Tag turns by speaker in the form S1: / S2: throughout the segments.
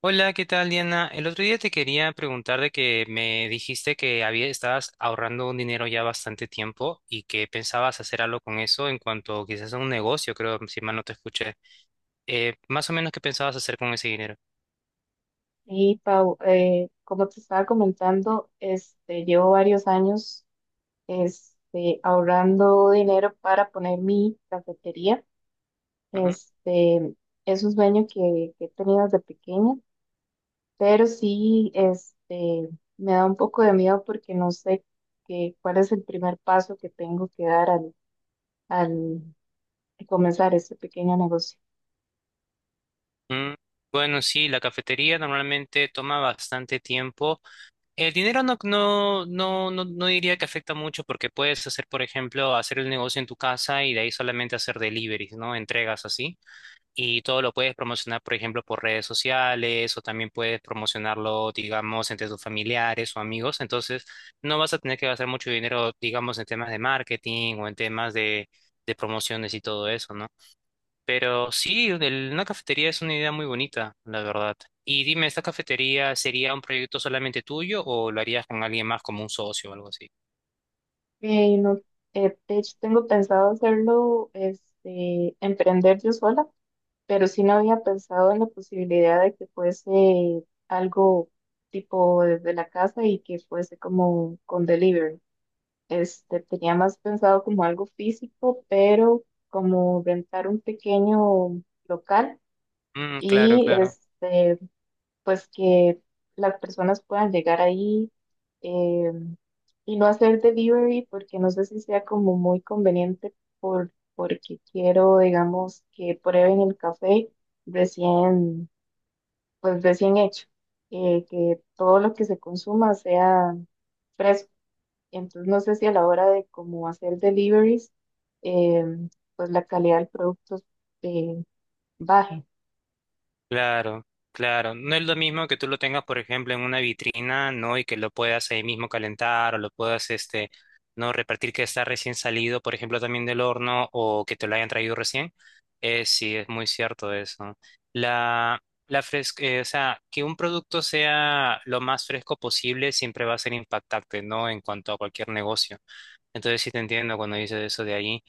S1: Hola, ¿qué tal, Diana? El otro día te quería preguntar de que me dijiste que había, estabas ahorrando un dinero ya bastante tiempo y que pensabas hacer algo con eso en cuanto quizás a un negocio, creo, si mal no te escuché. Más o menos, ¿qué pensabas hacer con ese dinero?
S2: Y Pau, como te estaba comentando, llevo varios años ahorrando dinero para poner mi cafetería.
S1: Ujú.
S2: Este, es un sueño que he tenido desde pequeña, pero sí me da un poco de miedo porque no sé cuál es el primer paso que tengo que dar al comenzar este pequeño negocio.
S1: Mm, bueno, sí, la cafetería normalmente toma bastante tiempo. El dinero no diría que afecta mucho porque puedes hacer, por ejemplo, hacer el negocio en tu casa y de ahí solamente hacer deliveries, ¿no? Entregas así. Y todo lo puedes promocionar, por ejemplo, por redes sociales o también puedes promocionarlo, digamos, entre tus familiares o amigos. Entonces, no vas a tener que gastar mucho dinero, digamos, en temas de marketing o en temas de promociones y todo eso, ¿no? Pero sí, una cafetería es una idea muy bonita, la verdad. Y dime, ¿esta cafetería sería un proyecto solamente tuyo o lo harías con alguien más como un socio o algo así?
S2: No, de hecho, tengo pensado hacerlo, emprender yo sola. Pero sí no había pensado en la posibilidad de que fuese algo tipo desde la casa y que fuese como con delivery. Tenía más pensado como algo físico, pero como rentar un pequeño local
S1: Mm, claro,
S2: y
S1: claro.
S2: pues que las personas puedan llegar ahí, eh, y no hacer delivery porque no sé si sea como muy conveniente porque quiero, digamos, que prueben el café recién, pues recién hecho, que todo lo que se consuma sea fresco. Entonces no sé si a la hora de cómo hacer deliveries, eh, pues la calidad del producto, eh, baje.
S1: Claro, claro. No es lo mismo que tú lo tengas, por ejemplo, en una vitrina, ¿no? Y que lo puedas ahí mismo calentar o lo puedas, este, no repartir que está recién salido, por ejemplo, también del horno o que te lo hayan traído recién. Sí, es muy cierto eso. La, la fresca, o sea, que un producto sea lo más fresco posible siempre va a ser impactante, ¿no? En cuanto a cualquier negocio. Entonces sí te entiendo cuando dices eso de ahí.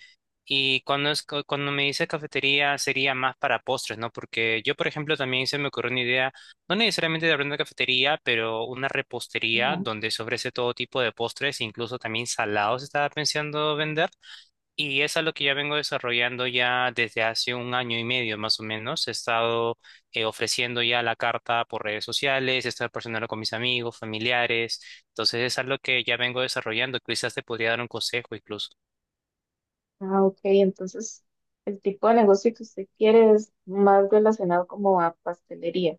S1: Y cuando me dice cafetería sería más para postres, ¿no? Porque yo, por ejemplo, también se me ocurrió una idea, no necesariamente de abrir una cafetería, pero una repostería
S2: ¿No?
S1: donde se ofrece todo tipo de postres, incluso también salados estaba pensando vender. Y es algo que ya vengo desarrollando ya desde hace un año y medio más o menos. He estado ofreciendo ya la carta por redes sociales, he estado personal con mis amigos, familiares. Entonces es algo que ya vengo desarrollando. Quizás te podría dar un consejo incluso.
S2: Ah, ok, entonces el tipo de negocio que usted quiere es más relacionado como a pastelería.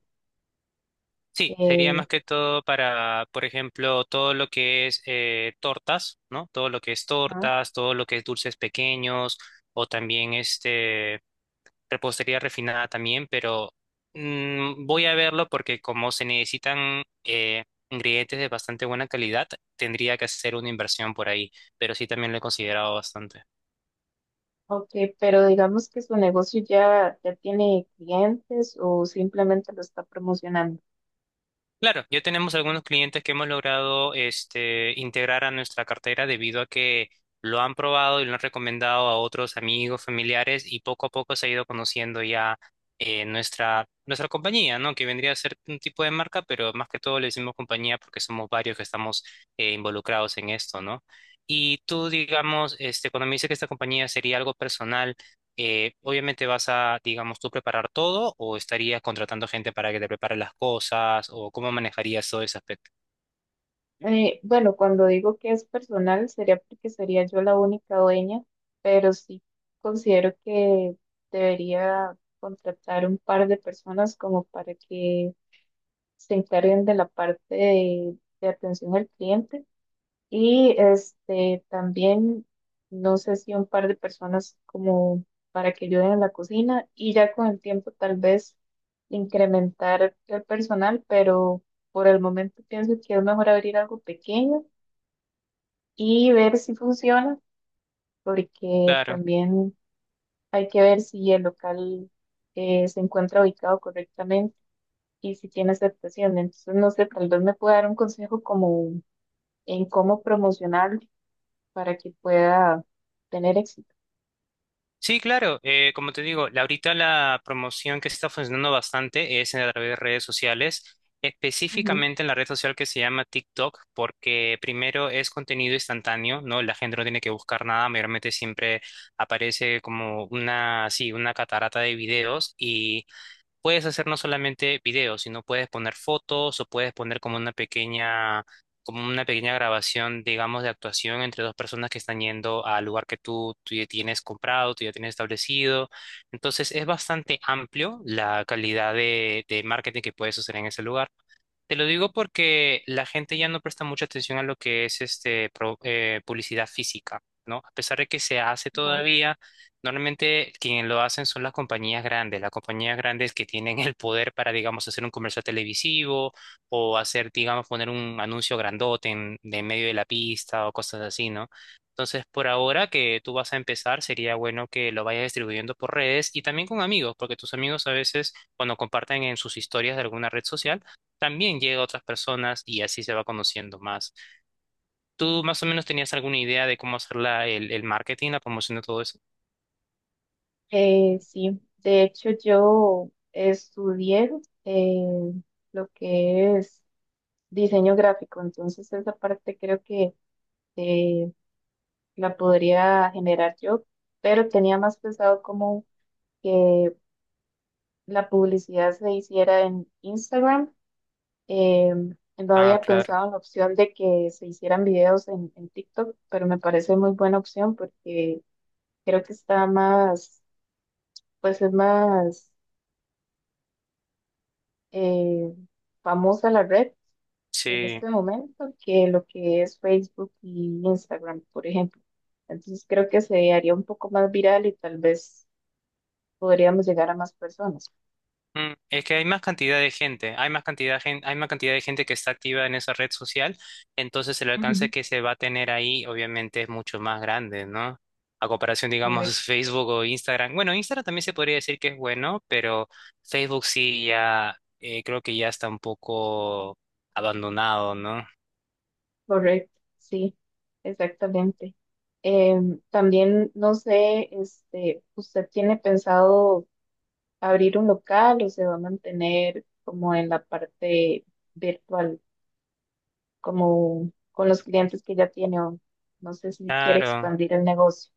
S1: Sí, sería
S2: Eh,
S1: más que todo para, por ejemplo, todo lo que es tortas, ¿no? Todo lo que es
S2: ajá,
S1: tortas, todo lo que es dulces pequeños, o también este repostería refinada también, pero mm, voy a verlo porque como se necesitan ingredientes de bastante buena calidad, tendría que hacer una inversión por ahí, pero sí también lo he considerado bastante.
S2: ok, pero digamos que su negocio ya tiene clientes o simplemente lo está promocionando.
S1: Claro, ya tenemos algunos clientes que hemos logrado este, integrar a nuestra cartera debido a que lo han probado y lo han recomendado a otros amigos, familiares y poco a poco se ha ido conociendo ya nuestra compañía, ¿no? Que vendría a ser un tipo de marca, pero más que todo le decimos compañía porque somos varios que estamos involucrados en esto, ¿no? Y tú, digamos, este, cuando me dices que esta compañía sería algo personal, obviamente vas a, digamos, tú preparar todo o estarías contratando gente para que te prepare las cosas o cómo manejarías todo ese aspecto.
S2: Bueno, cuando digo que es personal, sería porque sería yo la única dueña, pero sí considero que debería contratar un par de personas como para que se encarguen de la parte de atención al cliente. Y este también, no sé si un par de personas como para que ayuden en la cocina y ya con el tiempo tal vez incrementar el personal, pero por el momento pienso que es mejor abrir algo pequeño y ver si funciona, porque
S1: Claro.
S2: también hay que ver si el local, se encuentra ubicado correctamente y si tiene aceptación. Entonces, no sé, tal vez me pueda dar un consejo como en cómo promocionar para que pueda tener éxito.
S1: Sí, claro. Como te digo, ahorita la promoción que está funcionando bastante es a través de redes sociales,
S2: Ujú.
S1: específicamente en la red social que se llama TikTok, porque primero es contenido instantáneo, ¿no? La gente no tiene que buscar nada, mayormente siempre aparece como una, sí, una catarata de videos, puedes hacer no solamente videos, sino puedes poner fotos o puedes poner como una pequeña grabación, digamos, de actuación entre dos personas que están yendo al lugar que tú ya tienes comprado, tú ya tienes establecido. Entonces es bastante amplio la calidad de marketing que puedes hacer en ese lugar. Te lo digo porque la gente ya no presta mucha atención a lo que es este publicidad física, ¿no? A pesar de que se hace
S2: Ajá.
S1: todavía, normalmente quienes lo hacen son las compañías grandes que tienen el poder para, digamos, hacer un comercial televisivo o hacer, digamos, poner un anuncio grandote en, de medio de la pista o cosas así, ¿no? Entonces, por ahora que tú vas a empezar, sería bueno que lo vayas distribuyendo por redes y también con amigos, porque tus amigos a veces, cuando comparten en sus historias de alguna red social, también llega a otras personas y así se va conociendo más. ¿Tú más o menos tenías alguna idea de cómo hacer el marketing, la promoción de todo eso?
S2: Sí, de hecho yo estudié, eh, lo que es diseño gráfico, entonces esa parte creo que, eh, la podría generar yo, pero tenía más pensado como que la publicidad se hiciera en Instagram. eh, no
S1: Ah,
S2: había
S1: claro.
S2: pensado en la opción de que se hicieran videos en TikTok, pero me parece muy buena opción porque creo que está más, pues es más, eh, famosa la red en
S1: Sí.
S2: este momento que lo que es Facebook y Instagram, por ejemplo. Entonces creo que se haría un poco más viral y tal vez podríamos llegar a más personas.
S1: Mm, es que hay más cantidad de gente, hay más cantidad de gente, hay más cantidad de gente que está activa en esa red social, entonces el alcance
S2: Ujú.
S1: que se va a tener ahí obviamente es mucho más grande, ¿no? A comparación, digamos,
S2: Correcto,
S1: Facebook o Instagram. Bueno, Instagram también se podría decir que es bueno, pero Facebook sí ya, creo que ya está un poco abandonado, ¿no?
S2: correcto, sí, exactamente. También, no sé, ¿usted tiene pensado abrir un local o se va a mantener como en la parte virtual? Como con los clientes que ya tiene o no sé si quiere
S1: Claro,
S2: expandir el negocio,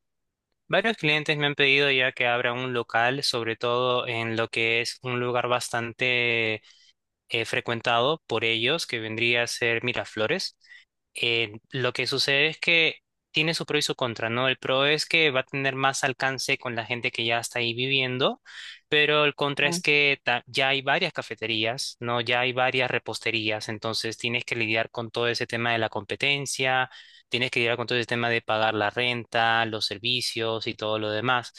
S1: varios clientes me han pedido ya que abra un local, sobre todo en lo que es un lugar bastante frecuentado por ellos, que vendría a ser Miraflores. Lo que sucede es que tiene su pro y su contra, ¿no? El pro es que va a tener más alcance con la gente que ya está ahí viviendo, pero el contra es
S2: ¿no?
S1: que ya hay varias cafeterías, ¿no? Ya hay varias reposterías, entonces tienes que lidiar con todo ese tema de la competencia, tienes que lidiar con todo ese tema de pagar la renta, los servicios y todo lo demás.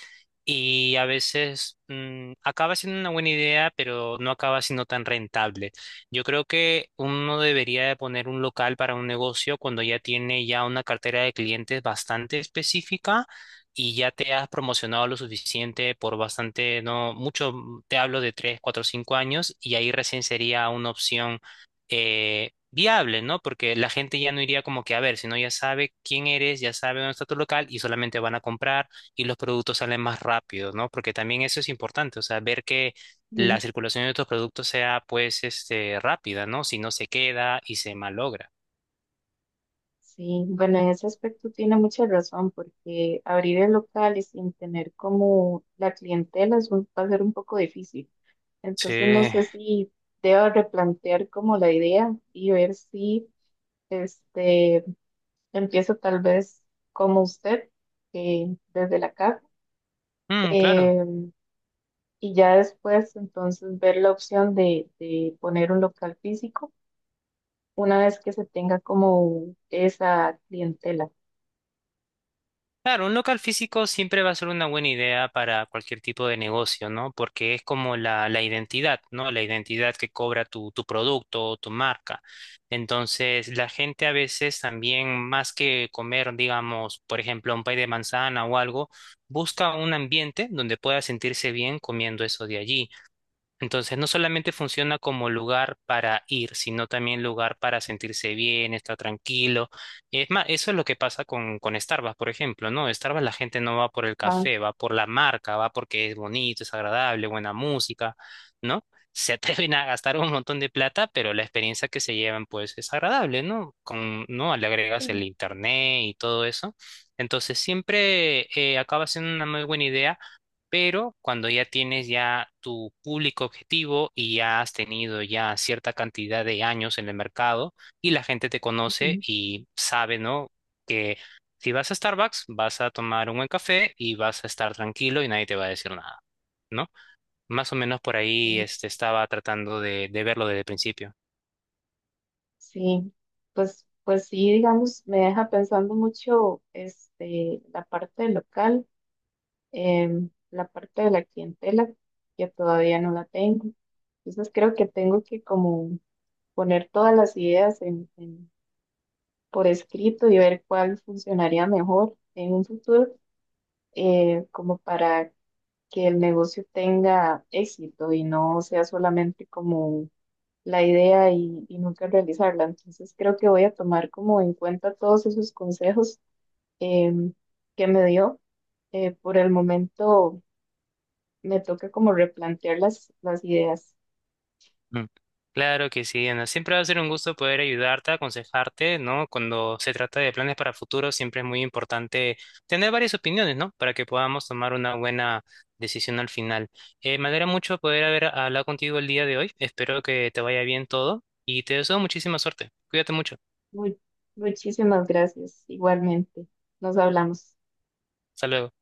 S1: Y a veces mm, acaba siendo una buena idea, pero no acaba siendo tan rentable. Yo creo que uno debería de poner un local para un negocio cuando ya tiene ya una cartera de clientes bastante específica y ya te has promocionado lo suficiente por bastante, no mucho, mm, te hablo de 3 4 5 años y ahí recién sería una opción viable, ¿no? Porque la gente ya no iría como que a ver, sino ya sabe quién eres, ya sabe dónde está tu local y solamente van a comprar y los productos salen más rápido, ¿no? Porque también eso es importante, o sea, ver que la
S2: Ujú.
S1: circulación de estos productos sea pues este rápida, ¿no? Si no se queda y se malogra.
S2: Sí, bueno, en ese aspecto tiene mucha razón porque abrir el local y sin tener como la clientela va a ser un poco difícil.
S1: Sí.
S2: Entonces no sé si debo replantear como la idea y ver si este empiezo tal vez como usted, desde la casa.
S1: Mm, claro.
S2: Y ya después entonces ver la opción de poner un local físico una vez que se tenga como esa clientela.
S1: Claro, un local físico siempre va a ser una buena idea para cualquier tipo de negocio, ¿no? Porque es como la identidad, ¿no? La identidad que cobra tu producto o tu marca. Entonces, la gente a veces también, más que comer, digamos, por ejemplo, un pay de manzana o algo, busca un ambiente donde pueda sentirse bien comiendo eso de allí. Entonces, no solamente funciona como lugar para ir, sino también lugar para sentirse bien, estar tranquilo. Es más, eso es lo que pasa con Starbucks, por ejemplo, ¿no? Starbucks la gente no va por el
S2: Ajá.
S1: café, va por la marca, va porque es bonito, es agradable, buena música, ¿no? Se atreven a gastar un montón de plata, pero la experiencia que se llevan, pues, es agradable, ¿no? Con, ¿no? Le agregas el
S2: Sí,
S1: internet y todo eso. Entonces, siempre acaba siendo una muy buena idea pero cuando ya tienes ya tu público objetivo y ya has tenido ya cierta cantidad de años en el mercado y la gente te conoce
S2: sí,
S1: y sabe, ¿no? Que si vas a Starbucks, vas a tomar un buen café y vas a estar tranquilo y nadie te va a decir nada, ¿no? Más o menos por ahí
S2: sí.
S1: este, estaba tratando de verlo desde el principio.
S2: Sí, pues, pues sí, digamos, me deja pensando mucho este, la parte del local, la parte de la clientela, que todavía no la tengo. Entonces creo que tengo que como poner todas las ideas por escrito y ver cuál funcionaría mejor en un futuro, como para que el negocio tenga éxito y no sea solamente como la idea y nunca realizarla. Entonces creo que voy a tomar como en cuenta todos esos consejos, em, que me dio. Por el momento me toca como replantear las ideas.
S1: Mm, claro que sí, Ana. Siempre va a ser un gusto poder ayudarte, aconsejarte, ¿no? Cuando se trata de planes para futuro, siempre es muy importante tener varias opiniones, ¿no? Para que podamos tomar una buena decisión al final. Me alegra mucho poder haber hablado contigo el día de hoy. Espero que te vaya bien todo y te deseo muchísima suerte. Cuídate mucho.
S2: Mu- muchísimas gracias, igualmente. Nos hablamos.
S1: Hasta luego.